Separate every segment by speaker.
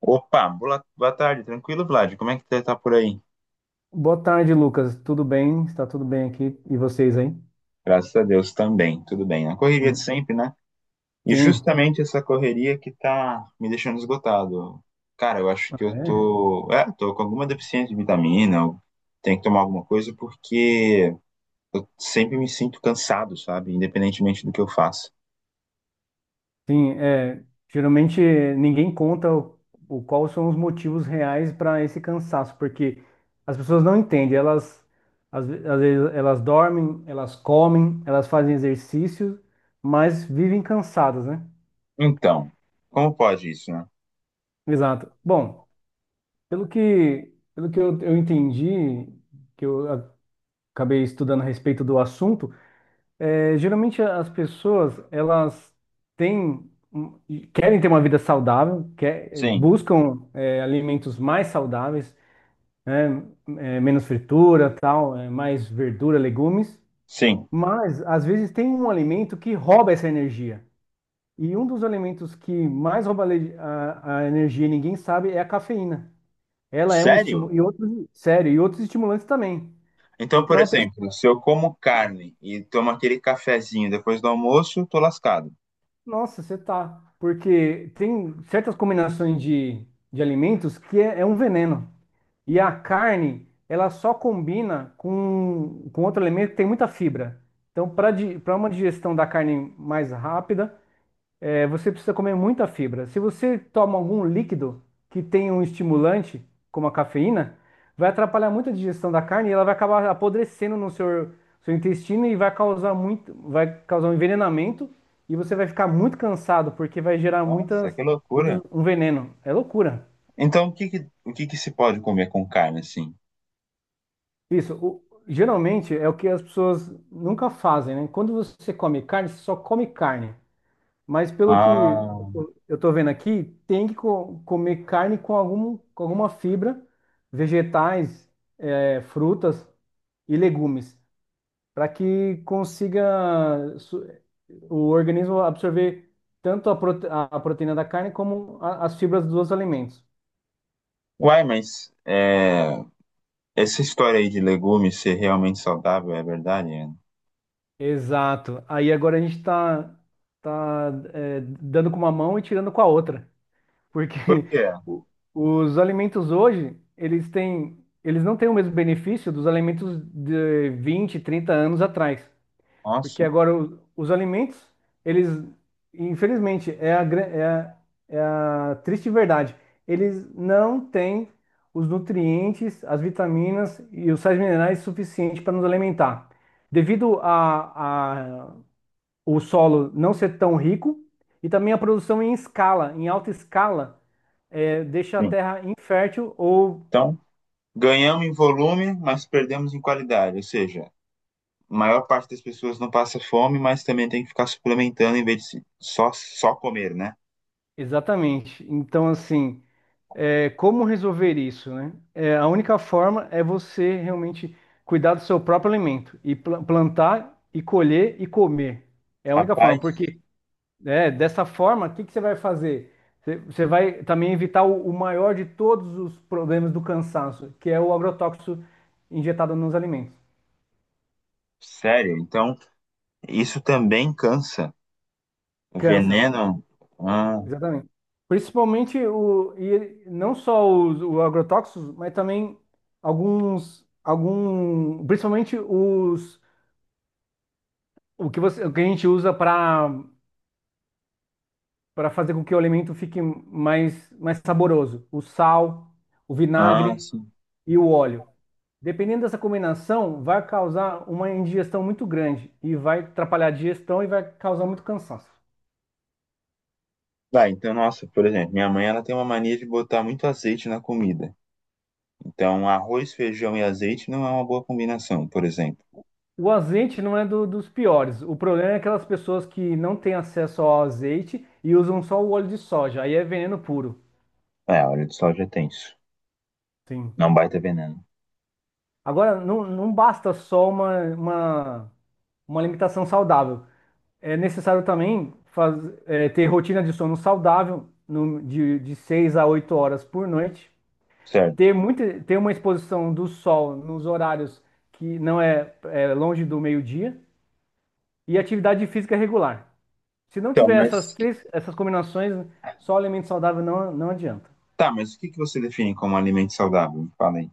Speaker 1: Opa, boa, boa tarde, tranquilo, Vlad? Como é que você tá por aí?
Speaker 2: Boa tarde, Lucas. Tudo bem? Está tudo bem aqui? E vocês aí?
Speaker 1: Graças a Deus também, tudo bem. Na correria de
Speaker 2: Hum.
Speaker 1: sempre, né? E
Speaker 2: Sim.
Speaker 1: justamente essa correria que tá me deixando esgotado. Cara, eu acho
Speaker 2: Ah,
Speaker 1: que eu
Speaker 2: é.
Speaker 1: tô, tô com alguma deficiência de vitamina, eu tenho que tomar alguma coisa porque eu sempre me sinto cansado, sabe? Independentemente do que eu faço.
Speaker 2: Sim, é. Geralmente ninguém conta o quais são os motivos reais para esse cansaço, porque as pessoas não entendem. Elas às vezes elas dormem, elas comem, elas fazem exercício, mas vivem cansadas, né?
Speaker 1: Então, como pode isso, né?
Speaker 2: Exato. Bom, pelo que eu entendi, que eu acabei estudando a respeito do assunto. É, geralmente as pessoas elas têm um- querem ter uma vida saudável,
Speaker 1: Sim,
Speaker 2: buscam alimentos mais saudáveis, né? É, menos fritura, tal, mais verdura, legumes,
Speaker 1: sim.
Speaker 2: mas às vezes tem um alimento que rouba essa energia. E um dos alimentos que mais rouba a, le- a energia, e ninguém sabe, é a cafeína. Ela é um
Speaker 1: Sério?
Speaker 2: estímulo e outros, sério, e outros estimulantes também.
Speaker 1: Então, por
Speaker 2: Então a pessoa.
Speaker 1: exemplo, se eu como carne e tomo aquele cafezinho depois do almoço, eu tô lascado.
Speaker 2: Nossa, você tá. Porque tem certas combinações de alimentos que é um veneno. E a carne, ela só combina com outro alimento que tem muita fibra. Então, para
Speaker 1: Hum.
Speaker 2: para uma digestão da carne mais rápida, você precisa comer muita fibra. Se você toma algum líquido que tem um estimulante, como a cafeína, vai atrapalhar muito a digestão da carne e ela vai acabar apodrecendo no seu intestino e vai causar um envenenamento e você vai ficar muito cansado porque vai gerar
Speaker 1: Nossa,
Speaker 2: muitas,
Speaker 1: que loucura.
Speaker 2: muitos, um veneno. É loucura.
Speaker 1: Então, o que que se pode comer com carne, assim?
Speaker 2: Isso, geralmente é o que as pessoas nunca fazem, né? Quando você come carne, você só come carne. Mas pelo que
Speaker 1: Ah,
Speaker 2: eu estou vendo aqui, tem que comer carne com alguma fibra, vegetais, frutas e legumes, para que consiga o organismo absorver tanto a proteína da carne como as fibras dos alimentos.
Speaker 1: uai, mas é, essa história aí de legumes ser realmente saudável é verdade, Ana?
Speaker 2: Exato. Aí agora a gente está tá, dando com uma mão e tirando com a outra, porque
Speaker 1: Por quê?
Speaker 2: o- os alimentos hoje, eles não têm o mesmo benefício dos alimentos de 20 30 anos atrás, porque
Speaker 1: Nossa,
Speaker 2: agora os alimentos, eles, infelizmente, é a, gran- é a, é a triste verdade, eles não têm os nutrientes, as vitaminas e os sais minerais suficientes para nos alimentar. Devido a o solo não ser tão rico e também a produção em escala, em alta escala, deixa a
Speaker 1: sim.
Speaker 2: terra infértil ou.
Speaker 1: Então, ganhamos em volume, mas perdemos em qualidade. Ou seja, a maior parte das pessoas não passa fome, mas também tem que ficar suplementando em vez de só, só comer, né?
Speaker 2: Exatamente. Então, assim, como resolver isso, né? A única forma é você realmente cuidar do seu próprio alimento e plantar e colher e comer. É a única forma,
Speaker 1: Rapaz,
Speaker 2: porque dessa forma, o que que você vai fazer? Você vai também evitar o maior de todos os problemas do cansaço, que é o agrotóxico injetado nos alimentos.
Speaker 1: sério. Então, isso também cansa. O
Speaker 2: Cansa.
Speaker 1: veneno. Ah,
Speaker 2: Exatamente. Principalmente não só os agrotóxicos, mas também principalmente os, o que a gente usa para fazer com que o alimento fique mais saboroso, o sal, o
Speaker 1: ah,
Speaker 2: vinagre
Speaker 1: sim.
Speaker 2: e o óleo. Dependendo dessa combinação, vai causar uma indigestão muito grande e vai atrapalhar a digestão e vai causar muito cansaço.
Speaker 1: Vai, então, nossa, por exemplo, minha mãe ela tem uma mania de botar muito azeite na comida. Então, arroz, feijão e azeite não é uma boa combinação, por exemplo.
Speaker 2: O azeite não é dos piores. O problema é aquelas pessoas que não têm acesso ao azeite e usam só o óleo de soja. Aí é veneno puro.
Speaker 1: É, óleo de soja é tenso.
Speaker 2: Sim.
Speaker 1: Não é um baita veneno.
Speaker 2: Agora, não, não basta só uma alimentação saudável. É necessário também ter rotina de sono saudável, de 6 a 8 horas por noite.
Speaker 1: Certo.
Speaker 2: Ter uma exposição do sol nos horários que não é longe do meio-dia. E atividade física regular. Se não
Speaker 1: Então,
Speaker 2: tiver essas
Speaker 1: mas.
Speaker 2: três, essas combinações, só o alimento saudável não, não adianta.
Speaker 1: Tá, mas o que que você define como alimento saudável? Me fala aí.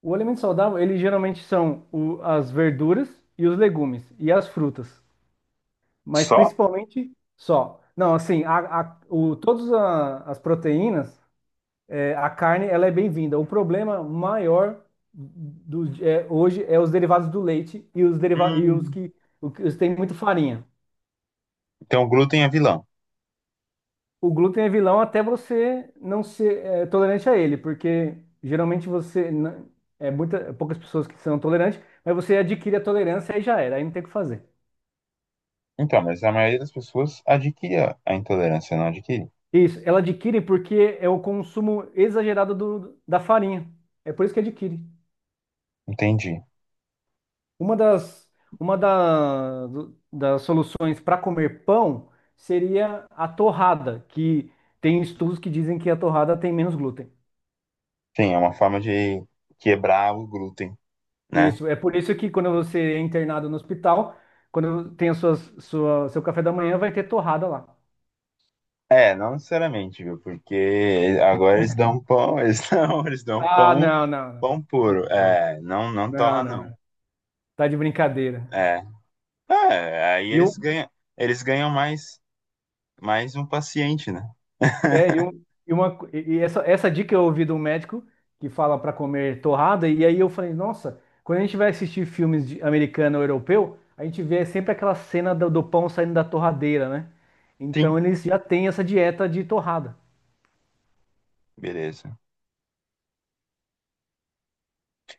Speaker 2: O alimento saudável, ele geralmente são as verduras e os legumes e as frutas, mas
Speaker 1: Só?
Speaker 2: principalmente só. Não, assim, todas as proteínas, a carne, ela é bem-vinda. O problema maior hoje é os derivados do leite e os
Speaker 1: Hum.
Speaker 2: que, os que têm muito farinha.
Speaker 1: Então, o glúten é vilão.
Speaker 2: O glúten é vilão até você não ser tolerante a ele, porque geralmente você poucas pessoas que são tolerantes, mas você adquire a tolerância e já era, aí não tem o que fazer.
Speaker 1: Então, mas a maioria das pessoas adquire a intolerância, não adquire.
Speaker 2: Isso, ela adquire porque é o consumo exagerado da farinha. É por isso que adquire.
Speaker 1: Entendi.
Speaker 2: Uma das, uma das soluções para comer pão seria a torrada, que tem estudos que dizem que a torrada tem menos glúten.
Speaker 1: Sim, é uma forma de quebrar o glúten, né?
Speaker 2: Isso, é por isso que quando você é internado no hospital, quando tem seu café da manhã, vai ter torrada lá.
Speaker 1: É, não necessariamente, viu? Porque agora eles dão pão, eles não, eles dão
Speaker 2: Ah,
Speaker 1: pão,
Speaker 2: não, não, não.
Speaker 1: pão
Speaker 2: Não
Speaker 1: puro.
Speaker 2: importa.
Speaker 1: É, não, não
Speaker 2: Não,
Speaker 1: torra
Speaker 2: não,
Speaker 1: não.
Speaker 2: não. Tá de brincadeira.
Speaker 1: É, é, aí
Speaker 2: E, eu,
Speaker 1: eles ganham mais, mais um paciente, né?
Speaker 2: é, e eu, e uma, co- e essa dica eu ouvi de um médico que fala para comer torrada, e aí eu falei, nossa, quando a gente vai assistir filmes de americano ou europeu, a gente vê sempre aquela cena do pão saindo da torradeira, né? Então
Speaker 1: Sim,
Speaker 2: eles já têm essa dieta de torrada.
Speaker 1: beleza.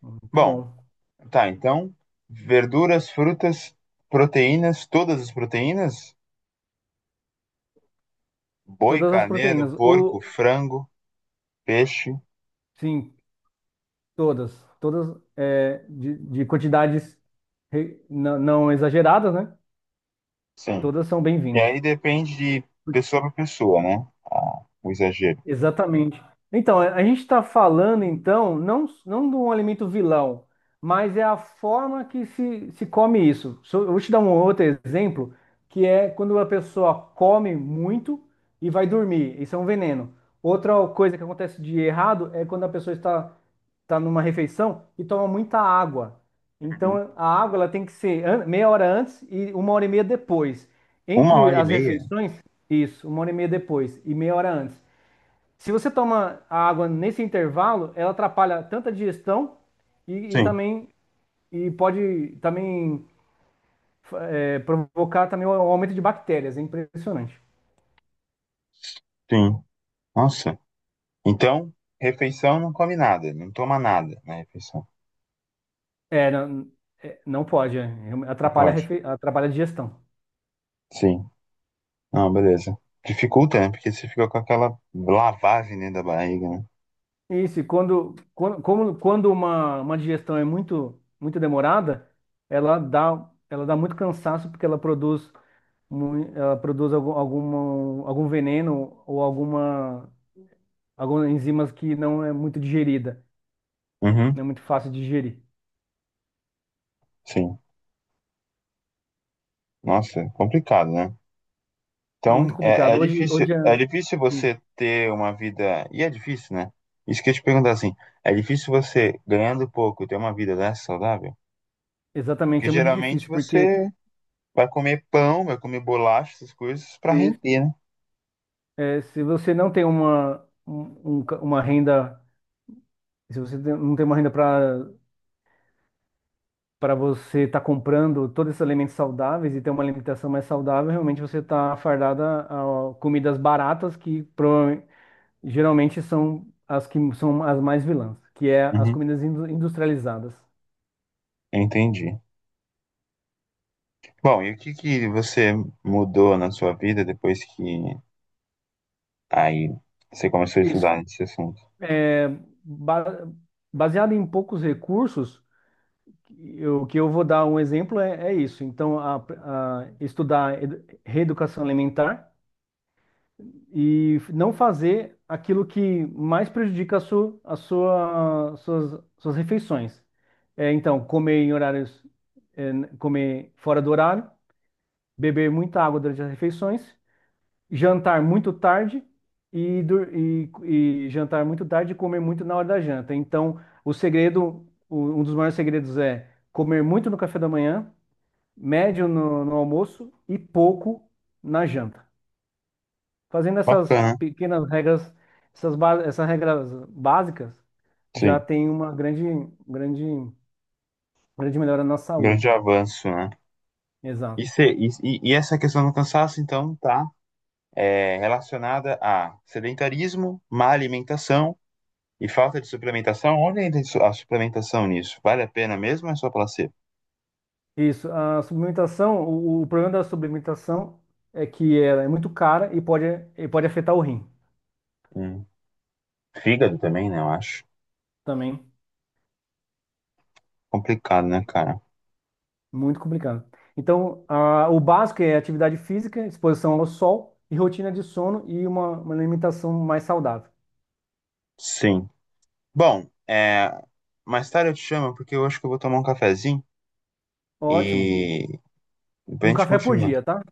Speaker 2: Muito
Speaker 1: Bom,
Speaker 2: bom.
Speaker 1: tá, então, verduras, frutas, proteínas, todas as proteínas, boi,
Speaker 2: Todas as
Speaker 1: carneiro,
Speaker 2: proteínas. O,
Speaker 1: porco, frango, peixe,
Speaker 2: sim, Todas, todas é, de quantidades não, não exageradas, né?
Speaker 1: sim.
Speaker 2: Todas são
Speaker 1: E
Speaker 2: bem-vindas.
Speaker 1: aí depende de pessoa para pessoa, né? O exagero.
Speaker 2: Exatamente. Então, a gente está falando, então, não, não de um alimento vilão, mas é a forma que se come isso. Eu vou te dar um outro exemplo, que é quando a pessoa come muito e vai dormir. Isso é um veneno. Outra coisa que acontece de errado é quando a pessoa está numa refeição e toma muita água.
Speaker 1: Uhum.
Speaker 2: Então, a água ela tem que ser meia hora antes e uma hora e meia depois.
Speaker 1: Uma
Speaker 2: Entre
Speaker 1: hora e
Speaker 2: as
Speaker 1: meia?
Speaker 2: refeições, isso, uma hora e meia depois e meia hora antes. Se você toma a água nesse intervalo, ela atrapalha tanto a digestão e
Speaker 1: Sim.
Speaker 2: também e pode também provocar também um aumento de bactérias. É impressionante.
Speaker 1: Sim. Nossa. Então, refeição não come nada, não toma nada na refeição.
Speaker 2: Não, não pode,
Speaker 1: Não
Speaker 2: atrapalha,
Speaker 1: pode.
Speaker 2: atrapalha a digestão.
Speaker 1: Sim. Não, beleza. Dificulta, né? Porque você fica com aquela lavagem dentro da barriga, né?
Speaker 2: Isso, e quando uma digestão é muito, muito demorada, ela dá muito cansaço porque ela produz algum veneno ou algumas enzimas que não é muito digerida,
Speaker 1: Uhum.
Speaker 2: não é muito fácil de digerir.
Speaker 1: Sim. Nossa, é complicado, né?
Speaker 2: Muito
Speaker 1: Então, é,
Speaker 2: complicado. Hoje, hoje
Speaker 1: é difícil
Speaker 2: sim,
Speaker 1: você ter uma vida. E é difícil, né? Isso que eu ia te perguntar assim, é difícil você, ganhando pouco, ter uma vida dessa saudável? Porque
Speaker 2: exatamente, é muito
Speaker 1: geralmente
Speaker 2: difícil, porque
Speaker 1: você vai comer pão, vai comer bolacha, essas coisas, pra
Speaker 2: eh,
Speaker 1: render, né?
Speaker 2: se você não tem uma, um- um ca- uma renda, se você não tem uma renda para você estar comprando todos esses alimentos saudáveis e ter uma alimentação mais saudável, realmente você está fardada a comidas baratas que geralmente são as que são as mais vilãs, que é as
Speaker 1: Uhum.
Speaker 2: comidas industrializadas.
Speaker 1: Entendi. Bom, e o que que você mudou na sua vida depois que aí você começou a
Speaker 2: Isso,
Speaker 1: estudar esse assunto?
Speaker 2: É, ba- baseado em poucos recursos, o que eu vou dar um exemplo é isso. Então, a estudar reeducação alimentar e não fazer aquilo que mais prejudica a sua, suas refeições. Então, comer em horários, comer fora do horário, beber muita água durante as refeições, jantar muito tarde e jantar muito tarde e comer muito na hora da janta. Então, um dos maiores segredos é comer muito no café da manhã, médio no almoço e pouco na janta. Fazendo essas
Speaker 1: Bacana,
Speaker 2: pequenas regras, essas regras básicas, já
Speaker 1: sim.
Speaker 2: tem uma grande, grande, grande melhora na
Speaker 1: Grande
Speaker 2: saúde.
Speaker 1: avanço, né? E,
Speaker 2: Exato.
Speaker 1: e essa questão do cansaço, então, tá é, relacionada a sedentarismo, má alimentação e falta de suplementação. Onde entra isso- a suplementação nisso? Vale a pena mesmo ou é só placebo?
Speaker 2: Isso, a suplementação, o problema da suplementação é que ela é muito cara e pode, afetar o rim
Speaker 1: Hum. Fígado também, né? Eu acho.
Speaker 2: também,
Speaker 1: Complicado, né, cara?
Speaker 2: muito complicado. Então, o básico é atividade física, exposição ao sol e rotina de sono e uma alimentação mais saudável.
Speaker 1: Sim. Bom, é, mais tarde eu te chamo porque eu acho que eu vou tomar um cafezinho.
Speaker 2: Ótimo.
Speaker 1: E depois
Speaker 2: Um
Speaker 1: a gente
Speaker 2: café por
Speaker 1: continua.
Speaker 2: dia, tá?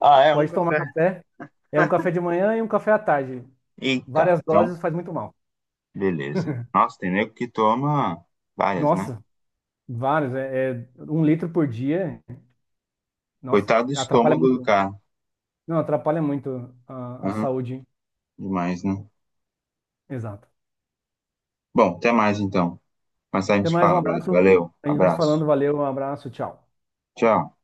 Speaker 1: Ah, é um
Speaker 2: Pode tomar
Speaker 1: café.
Speaker 2: café. É um café de manhã e um café à tarde.
Speaker 1: Eita,
Speaker 2: Várias
Speaker 1: então,
Speaker 2: doses faz muito mal.
Speaker 1: beleza. Nossa, tem nego que toma várias, né?
Speaker 2: Nossa, vários. É um litro por dia. Nossa,
Speaker 1: Coitado do
Speaker 2: atrapalha
Speaker 1: estômago do
Speaker 2: muito.
Speaker 1: cara.
Speaker 2: Não, atrapalha muito a
Speaker 1: Aham,
Speaker 2: saúde.
Speaker 1: demais, né?
Speaker 2: Exato.
Speaker 1: Bom, até mais então. Mas a
Speaker 2: Até
Speaker 1: gente
Speaker 2: mais, um
Speaker 1: fala, Vlad.
Speaker 2: abraço.
Speaker 1: Valeu,
Speaker 2: A gente vai se
Speaker 1: abraço.
Speaker 2: falando. Valeu, um abraço, tchau.
Speaker 1: Tchau.